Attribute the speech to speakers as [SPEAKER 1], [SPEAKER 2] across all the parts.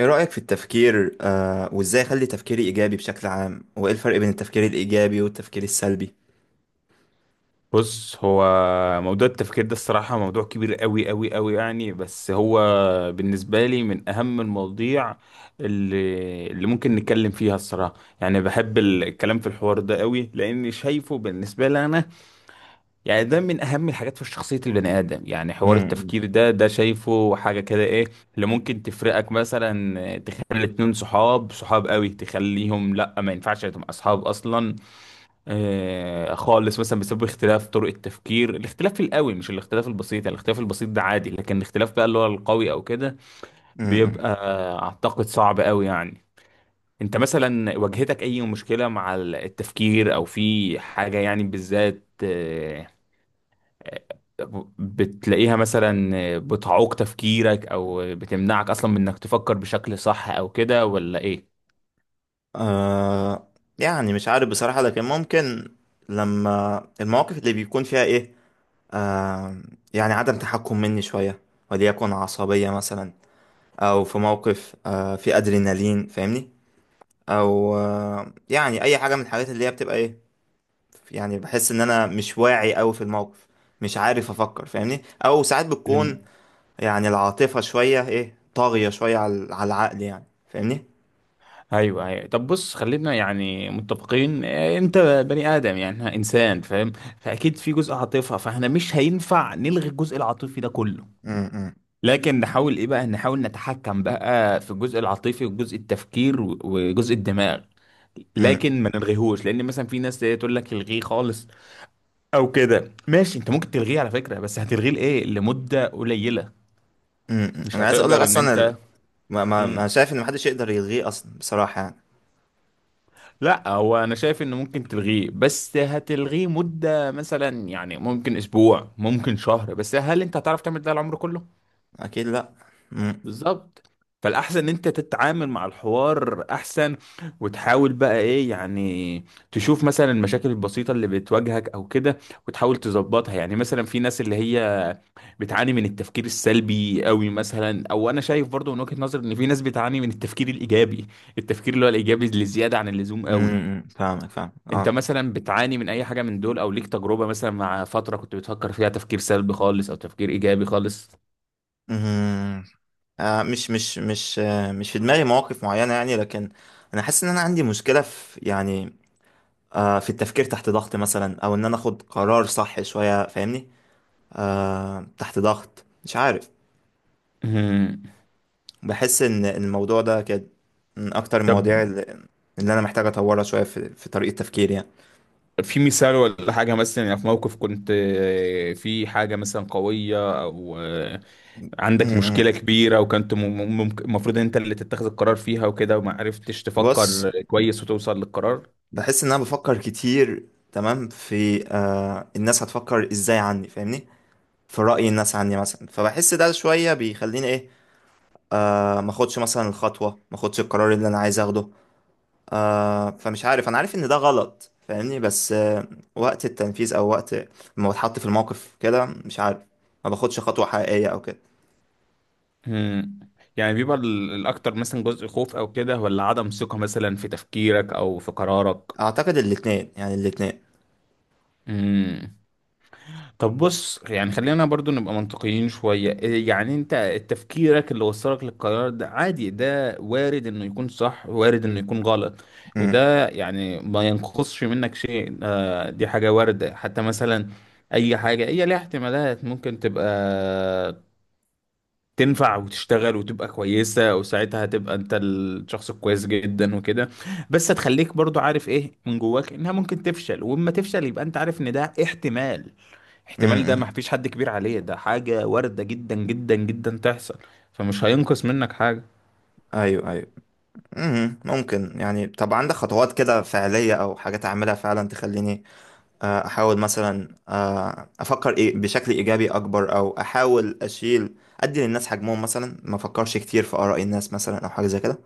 [SPEAKER 1] ايه رأيك في التفكير وازاي اخلي تفكيري ايجابي بشكل عام وايه الفرق بين التفكير الايجابي والتفكير السلبي؟
[SPEAKER 2] بص، هو موضوع التفكير ده الصراحة موضوع كبير قوي قوي قوي، يعني بس هو بالنسبة لي من أهم المواضيع اللي ممكن نتكلم فيها الصراحة. يعني بحب الكلام في الحوار ده قوي، لأني شايفه بالنسبة لي أنا، يعني ده من أهم الحاجات في شخصية البني آدم. يعني حوار
[SPEAKER 1] امم.
[SPEAKER 2] التفكير ده شايفه حاجة كده، إيه اللي ممكن تفرقك. مثلا تخلي اتنين صحاب صحاب قوي تخليهم لأ، ما ينفعش تبقى أصحاب أصلا، خالص، مثلا بسبب اختلاف طرق التفكير، الاختلاف القوي مش الاختلاف البسيط. يعني الاختلاف البسيط ده عادي، لكن الاختلاف بقى اللي هو القوي او كده
[SPEAKER 1] امم.
[SPEAKER 2] بيبقى اعتقد صعب قوي يعني. انت مثلا واجهتك اي مشكلة مع التفكير، او في حاجة يعني بالذات، آه، بتلاقيها مثلا بتعوق تفكيرك او بتمنعك اصلا من انك تفكر بشكل صح او كده، ولا
[SPEAKER 1] آه يعني مش عارف بصراحة، لكن ممكن لما المواقف اللي بيكون فيها ايه آه يعني عدم تحكم مني شوية، وليكن عصبية مثلا، او في موقف في ادرينالين، فاهمني؟ او يعني اي حاجة من الحاجات اللي هي بتبقى يعني. بحس ان انا مش واعي اوي في الموقف، مش عارف افكر، فاهمني؟ او ساعات
[SPEAKER 2] ايه؟
[SPEAKER 1] بتكون يعني العاطفة شوية طاغية شوية على العقل يعني، فاهمني؟
[SPEAKER 2] ايوه، ايوه. طب بص، خلينا يعني متفقين، انت بني ادم، يعني إحنا انسان فاهم، فاكيد في جزء عاطفه، فاحنا مش هينفع نلغي الجزء العاطفي ده كله.
[SPEAKER 1] امم.
[SPEAKER 2] لكن نحاول ايه بقى، نحاول نتحكم بقى في الجزء العاطفي وجزء التفكير و- وجزء الدماغ،
[SPEAKER 1] امم.
[SPEAKER 2] لكن ما نلغيهوش. لان مثلا في ناس تقول لك الغيه خالص او كده. ماشي، انت ممكن تلغيه على فكره، بس هتلغيه لايه، لمده قليله،
[SPEAKER 1] امم.
[SPEAKER 2] مش
[SPEAKER 1] انا عايز اقول لك
[SPEAKER 2] هتقدر ان
[SPEAKER 1] اصلا
[SPEAKER 2] انت.
[SPEAKER 1] ما شايف ان محدش يقدر يلغيه اصلا بصراحة يعني.
[SPEAKER 2] لا، هو انا شايف انه ممكن تلغيه، بس هتلغيه مدة مثلا، يعني ممكن اسبوع، ممكن شهر، بس هل انت هتعرف تعمل ده العمر كله؟
[SPEAKER 1] اكيد لا. امم.
[SPEAKER 2] بالظبط. فالاحسن ان انت تتعامل مع الحوار احسن، وتحاول بقى ايه يعني، تشوف مثلا المشاكل البسيطة اللي بتواجهك او كده، وتحاول تظبطها. يعني مثلا في ناس اللي هي بتعاني من التفكير السلبي قوي مثلا، او انا شايف برضو من وجهة نظر ان في ناس بتعاني من التفكير الايجابي، التفكير اللي هو الايجابي اللي زيادة عن اللزوم
[SPEAKER 1] امم. إمم،
[SPEAKER 2] قوي.
[SPEAKER 1] إمم. فاهمك، فاهم.
[SPEAKER 2] انت
[SPEAKER 1] اه.
[SPEAKER 2] مثلا بتعاني من اي حاجة من دول، او ليك تجربة مثلا مع فترة كنت بتفكر فيها تفكير سلبي خالص او تفكير ايجابي خالص؟
[SPEAKER 1] امم. مش في دماغي مواقف معينة يعني، لكن انا حاسس ان انا عندي مشكلة في يعني في التفكير تحت ضغط مثلا، او ان انا اخد قرار صح شوية، فاهمني؟ تحت ضغط، مش عارف.
[SPEAKER 2] مم.
[SPEAKER 1] بحس ان الموضوع ده كان من اكتر
[SPEAKER 2] طب
[SPEAKER 1] المواضيع اللي انا محتاج اطورها شويه في طريقه تفكيري يعني.
[SPEAKER 2] في مثال ولا حاجة، مثلا يعني في موقف كنت في حاجة مثلا قوية، او
[SPEAKER 1] م-
[SPEAKER 2] عندك مشكلة
[SPEAKER 1] م.
[SPEAKER 2] كبيرة، وكنت المفروض انت اللي تتخذ القرار فيها وكده، وما عرفتش
[SPEAKER 1] بص،
[SPEAKER 2] تفكر كويس وتوصل للقرار؟
[SPEAKER 1] بحس ان انا بفكر كتير تمام في الناس هتفكر ازاي عني، فاهمني؟ في رأي الناس عني مثلا. فبحس ده شويه بيخليني ايه آه ما اخدش مثلا الخطوه، ما اخدش القرار اللي انا عايز اخده. فمش عارف، انا عارف ان ده غلط، فاهمني؟ بس وقت التنفيذ، او وقت ما بتحط في الموقف كده، مش عارف، ما باخدش خطوه حقيقيه او كده.
[SPEAKER 2] مم. يعني بيبقى الاكتر مثلا جزء خوف او كده، ولا عدم ثقة مثلا في تفكيرك او في قرارك؟
[SPEAKER 1] اعتقد الاثنين، يعني الاثنين.
[SPEAKER 2] مم. طب بص، يعني خلينا برضو نبقى منطقيين شوية إيه، يعني انت تفكيرك اللي وصلك للقرار ده عادي، ده وارد انه يكون صح، وارد انه يكون غلط.
[SPEAKER 1] امم.
[SPEAKER 2] وده يعني ما ينقصش منك شيء، دي حاجة واردة. حتى مثلا اي حاجة هي ليها احتمالات، ممكن تبقى تنفع وتشتغل وتبقى كويسة، وساعتها هتبقى انت الشخص الكويس جدا وكده. بس هتخليك برضو عارف ايه من جواك انها ممكن تفشل، واما تفشل يبقى انت عارف ان ده احتمال. احتمال ده ما
[SPEAKER 1] امم.
[SPEAKER 2] فيش حد كبير عليه، ده حاجة واردة جدا جدا جدا تحصل، فمش هينقص منك حاجة.
[SPEAKER 1] ايوه، ايوه. مم. ممكن يعني؟ طب عندك خطوات كده فعليه او حاجات اعملها فعلا تخليني احاول مثلا افكر بشكل ايجابي اكبر، او احاول ادي للناس حجمهم مثلا، ما افكرش كتير في اراء الناس مثلا، او حاجه زي كده؟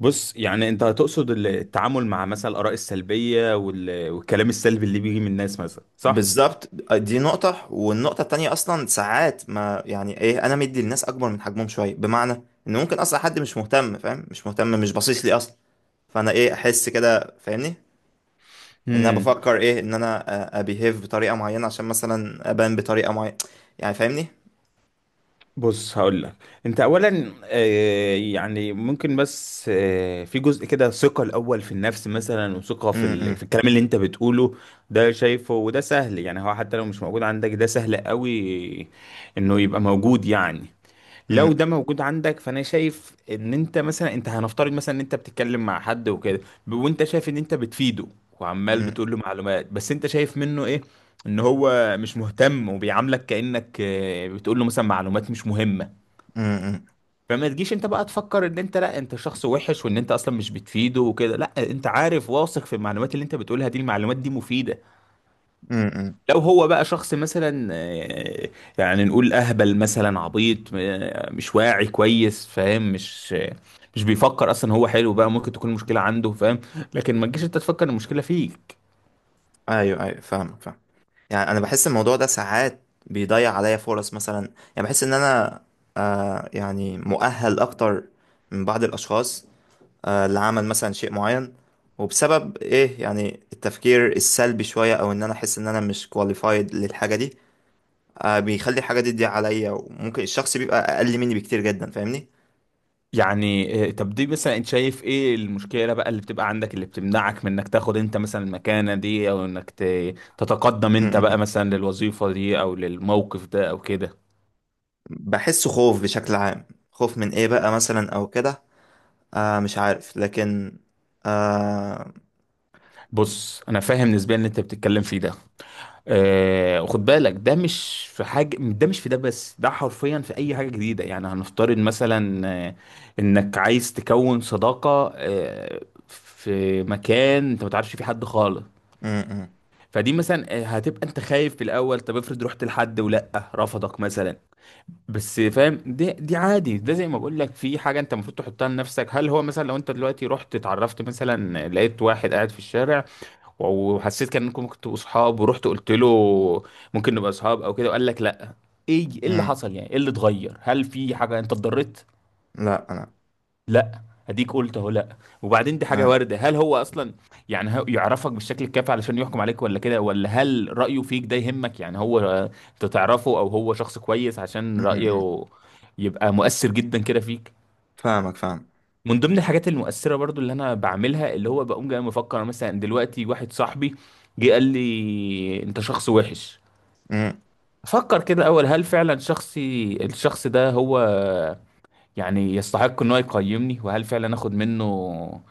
[SPEAKER 2] بص، يعني انت هتقصد التعامل مع مثلا الآراء السلبية والكلام السلبي اللي بيجي من الناس مثلا، صح؟
[SPEAKER 1] بالظبط، دي نقطة. والنقطة التانية أصلا ساعات ما يعني أنا مدي للناس أكبر من حجمهم شوية، بمعنى إن ممكن أصلا حد مش مهتم، فاهم؟ مش مهتم، مش باصص لي أصلا، فأنا أحس كده، فاهمني؟ ان انا
[SPEAKER 2] امم
[SPEAKER 1] بفكر ان انا ابيهيف بطريقه معينه، عشان مثلا ابان بطريقه معينه، يعني فاهمني؟
[SPEAKER 2] بص هقول لك. انت اولا يعني ممكن، بس في جزء كده ثقة الاول في النفس مثلا، وثقة في
[SPEAKER 1] امم.
[SPEAKER 2] في الكلام اللي انت بتقوله. ده شايفه، وده سهل. يعني هو حتى لو مش موجود عندك ده سهل قوي انه يبقى موجود يعني. لو
[SPEAKER 1] امم.
[SPEAKER 2] ده موجود عندك، فانا شايف ان انت مثلا، انت هنفترض مثلا ان انت بتتكلم مع حد وكده، وانت شايف ان انت بتفيده، وعمال
[SPEAKER 1] امم.
[SPEAKER 2] بتقول له معلومات، بس انت شايف منه ايه ان هو مش مهتم، وبيعاملك كأنك بتقول له مثلا معلومات مش مهمة.
[SPEAKER 1] امم.
[SPEAKER 2] فما تجيش انت بقى تفكر ان انت، لا، انت شخص وحش وان انت اصلا مش بتفيده وكده. لا، انت عارف، واثق في المعلومات اللي انت بتقولها دي، المعلومات دي مفيدة.
[SPEAKER 1] امم.
[SPEAKER 2] لو هو بقى شخص مثلا يعني نقول اهبل مثلا، عبيط، مش واعي كويس، فاهم، مش بيفكر اصلا، هو حلو بقى، ممكن تكون المشكله عنده، فاهم، لكن ما تجيش انت تفكر إن المشكله فيك.
[SPEAKER 1] ايوه، ايوه، فاهمك فاهم. يعني انا بحس الموضوع ده ساعات بيضيع عليا فرص مثلا. يعني بحس ان انا يعني مؤهل اكتر من بعض الاشخاص لعمل مثلا شيء معين، وبسبب يعني التفكير السلبي شويه، او ان انا احس ان انا مش كواليفايد للحاجه دي. بيخلي الحاجة دي تضيع عليا، وممكن الشخص بيبقى أقل مني بكتير جدا، فاهمني؟
[SPEAKER 2] يعني طب دي مثلا انت شايف ايه المشكله بقى اللي بتبقى عندك اللي بتمنعك من انك تاخد انت مثلا المكانه دي، او انك تتقدم انت
[SPEAKER 1] م-
[SPEAKER 2] بقى
[SPEAKER 1] م-.
[SPEAKER 2] مثلا للوظيفه دي او للموقف ده او كده؟
[SPEAKER 1] بحس خوف بشكل عام. خوف من إيه بقى مثلا أو كده؟ مش عارف، لكن آه
[SPEAKER 2] بص، انا فاهم نسبيا اللي انت بتتكلم فيه ده، وخد بالك ده مش في حاجة، ده مش في ده بس، ده حرفيا في أي حاجة جديدة. يعني هنفترض مثلا إنك عايز تكون صداقة في مكان أنت ما تعرفش فيه حد خالص.
[SPEAKER 1] م- م-
[SPEAKER 2] فدي مثلا هتبقى أنت خايف في الأول. طب افرض رحت لحد ولأ رفضك مثلا، بس فاهم دي عادي. ده زي ما بقول لك، في حاجة أنت المفروض تحطها لنفسك. هل هو مثلا لو أنت دلوقتي رحت اتعرفت مثلا، لقيت واحد قاعد في الشارع، وحسيت كان انكم ممكن تبقوا صحاب، ورحت قلت له ممكن نبقى صحاب او كده، وقال لك لا، ايه ايه اللي
[SPEAKER 1] م-.
[SPEAKER 2] حصل؟ يعني ايه اللي اتغير؟ هل في حاجه انت اتضررت؟
[SPEAKER 1] لا أنا
[SPEAKER 2] لا. اديك قلت اهو لا. وبعدين دي حاجه
[SPEAKER 1] آه،
[SPEAKER 2] وارده. هل هو اصلا، يعني، هو يعرفك بالشكل الكافي علشان يحكم عليك ولا كده، ولا هل رايه فيك ده يهمك؟ يعني هو انت تعرفه، او هو شخص كويس عشان
[SPEAKER 1] م- م-.
[SPEAKER 2] رايه يبقى مؤثر جدا كده فيك؟
[SPEAKER 1] فاهمك، فاهم.
[SPEAKER 2] من ضمن الحاجات المؤثرة برضو اللي انا بعملها اللي هو، بقوم جاي مفكر أنا مثلا دلوقتي، واحد صاحبي جه قال لي انت شخص وحش،
[SPEAKER 1] م-
[SPEAKER 2] افكر كده اول، هل فعلا الشخص ده هو يعني يستحق ان هو يقيمني؟ وهل فعلا اخد منه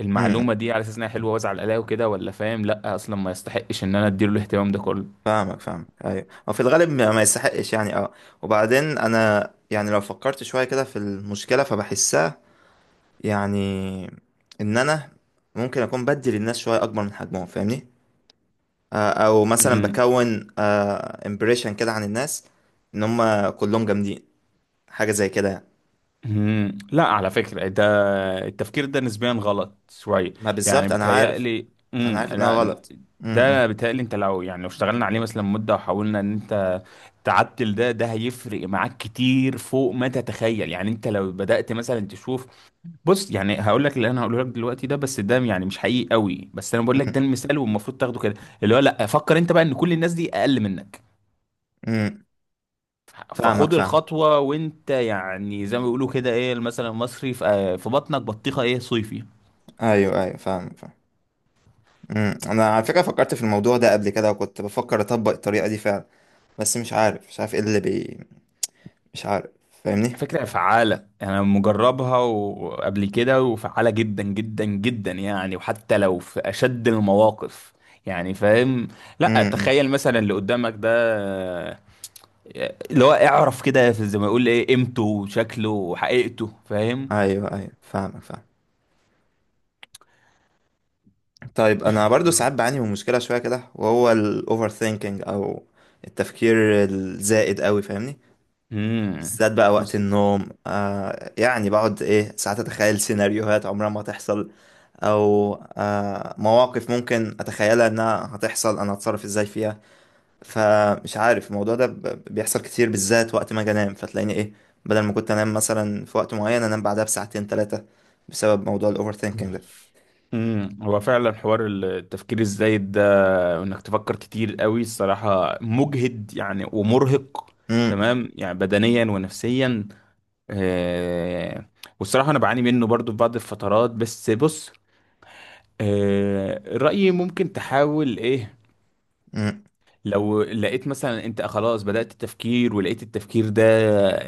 [SPEAKER 2] المعلومة
[SPEAKER 1] م-.
[SPEAKER 2] دي على اساس انها حلوة وازعل عليها وكده، ولا فاهم لا اصلا ما يستحقش ان انا اديله الاهتمام ده كله؟
[SPEAKER 1] فاهمك فاهم. أيوة، وفي الغالب ما يستحقش يعني، أه. وبعدين أنا يعني لو فكرت شوية كده في المشكلة فبحسها يعني، إن أنا ممكن أكون بدي للناس شوية أكبر من حجمهم، فاهمني؟ او مثلا
[SPEAKER 2] مم.
[SPEAKER 1] بكون امبريشن كده عن الناس ان هم كلهم جامدين، حاجه زي كده يعني.
[SPEAKER 2] مم. لا، على فكرة ده التفكير ده نسبيا غلط شويه.
[SPEAKER 1] ما
[SPEAKER 2] يعني
[SPEAKER 1] بالظبط، انا عارف،
[SPEAKER 2] بيتهيألي،
[SPEAKER 1] انا عارف ان هو
[SPEAKER 2] لا
[SPEAKER 1] غلط. امم.
[SPEAKER 2] ده بيتهيألي انت لو، يعني لو اشتغلنا عليه مثلا مده، وحاولنا ان انت تعدل ده، ده هيفرق معاك كتير فوق ما تتخيل. يعني انت لو بدأت مثلا تشوف. بص، يعني هقول لك اللي انا هقوله لك دلوقتي ده بس، ده يعني مش حقيقي قوي، بس انا بقول لك ده المثال والمفروض تاخده كده. اللي هو، لا، فكر انت بقى ان كل الناس دي اقل منك.
[SPEAKER 1] امم. فاهمك،
[SPEAKER 2] فخد
[SPEAKER 1] فاهم.
[SPEAKER 2] الخطوه، وانت يعني زي ما بيقولوا كده ايه المثل المصري، في بطنك بطيخه ايه صيفي.
[SPEAKER 1] ايوه، ايوه، فاهمك فاهم. امم. انا على فكره فكرت في الموضوع ده قبل كده، وكنت بفكر اطبق الطريقه دي فعلا، بس مش عارف، مش عارف ايه اللي مش عارف، فاهمني؟
[SPEAKER 2] فكرة فعالة يعني، أنا مجربها وقبل كده، وفعالة جدا جدا جدا يعني، وحتى لو في أشد المواقف، يعني فاهم. لا،
[SPEAKER 1] امم.
[SPEAKER 2] تخيل مثلا اللي قدامك ده، اللي هو اعرف كده زي ما يقول ايه قيمته وشكله وحقيقته، فاهم.
[SPEAKER 1] ايوه، ايوه، فاهمك فاهم. طيب، انا برضو ساعات بعاني من مشكله شويه كده، وهو الاوفر ثينكينج او التفكير الزائد قوي، فاهمني؟
[SPEAKER 2] امم
[SPEAKER 1] بالذات بقى وقت
[SPEAKER 2] بس
[SPEAKER 1] النوم يعني، بقعد ساعات اتخيل سيناريوهات عمرها ما هتحصل، او مواقف ممكن اتخيلها انها هتحصل، انا هتصرف ازاي فيها. فمش عارف، الموضوع ده بيحصل كتير، بالذات وقت ما اجي انام، فتلاقيني بدل ما كنت انام مثلا في وقت معين، انام بعدها بساعتين 3، بسبب موضوع الاوفر ثينكينج ده.
[SPEAKER 2] هو فعلا حوار التفكير الزايد ده وانك تفكر كتير قوي الصراحة مجهد، يعني ومرهق،
[SPEAKER 1] امم.
[SPEAKER 2] تمام، يعني بدنيا ونفسيا. آه، والصراحة أنا بعاني منه برضو في بعض الفترات، بس بص رأيي ممكن تحاول إيه.
[SPEAKER 1] امم.
[SPEAKER 2] لو لقيت مثلا أنت خلاص بدأت التفكير، ولقيت التفكير ده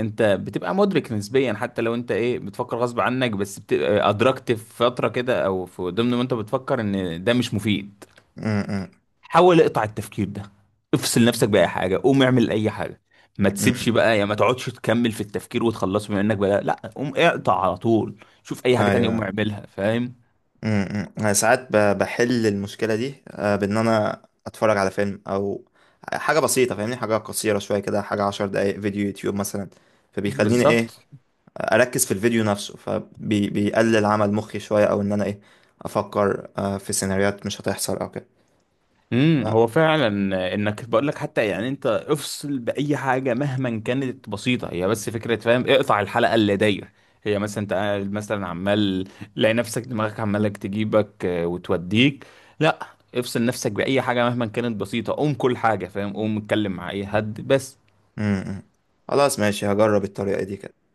[SPEAKER 2] أنت بتبقى مدرك نسبيا، حتى لو أنت إيه بتفكر غصب عنك، بس بتبقى أدركت في فترة كده، أو في ضمن ما أنت بتفكر إن ده مش مفيد،
[SPEAKER 1] امم.
[SPEAKER 2] حاول اقطع التفكير ده. افصل نفسك بأي حاجة، قوم اعمل أي حاجة. ما
[SPEAKER 1] امم.
[SPEAKER 2] تسيبش بقى يا ما تقعدش تكمل في التفكير وتخلصه، بما انك بلا لا، قوم اقطع على طول. شوف أي حاجة تانية قوم
[SPEAKER 1] ايوه.
[SPEAKER 2] اعملها، فاهم.
[SPEAKER 1] امم، انا ساعات بحل المشكله دي بان انا اتفرج على فيلم، او حاجه بسيطه، فاهمني؟ حاجه قصيره شويه كده، حاجه 10 دقائق فيديو يوتيوب مثلا. فبيخليني
[SPEAKER 2] بالظبط.
[SPEAKER 1] اركز في الفيديو نفسه، فبيقلل عمل مخي شويه، او ان انا افكر في سيناريوهات مش هتحصل او كده.
[SPEAKER 2] هو فعلا، انك بقول لك حتى يعني انت افصل باي حاجه مهما كانت بسيطه، هي بس فكره، فاهم، اقطع الحلقه اللي داير. هي مثلا انت قاعد مثلا عمال، تلاقي نفسك دماغك عمالك تجيبك وتوديك. لا، افصل نفسك باي حاجه مهما كانت بسيطه، قوم كل حاجه، فاهم، قوم اتكلم مع اي حد بس.
[SPEAKER 1] امم. خلاص، ماشي، هجرب الطريقه دي كده.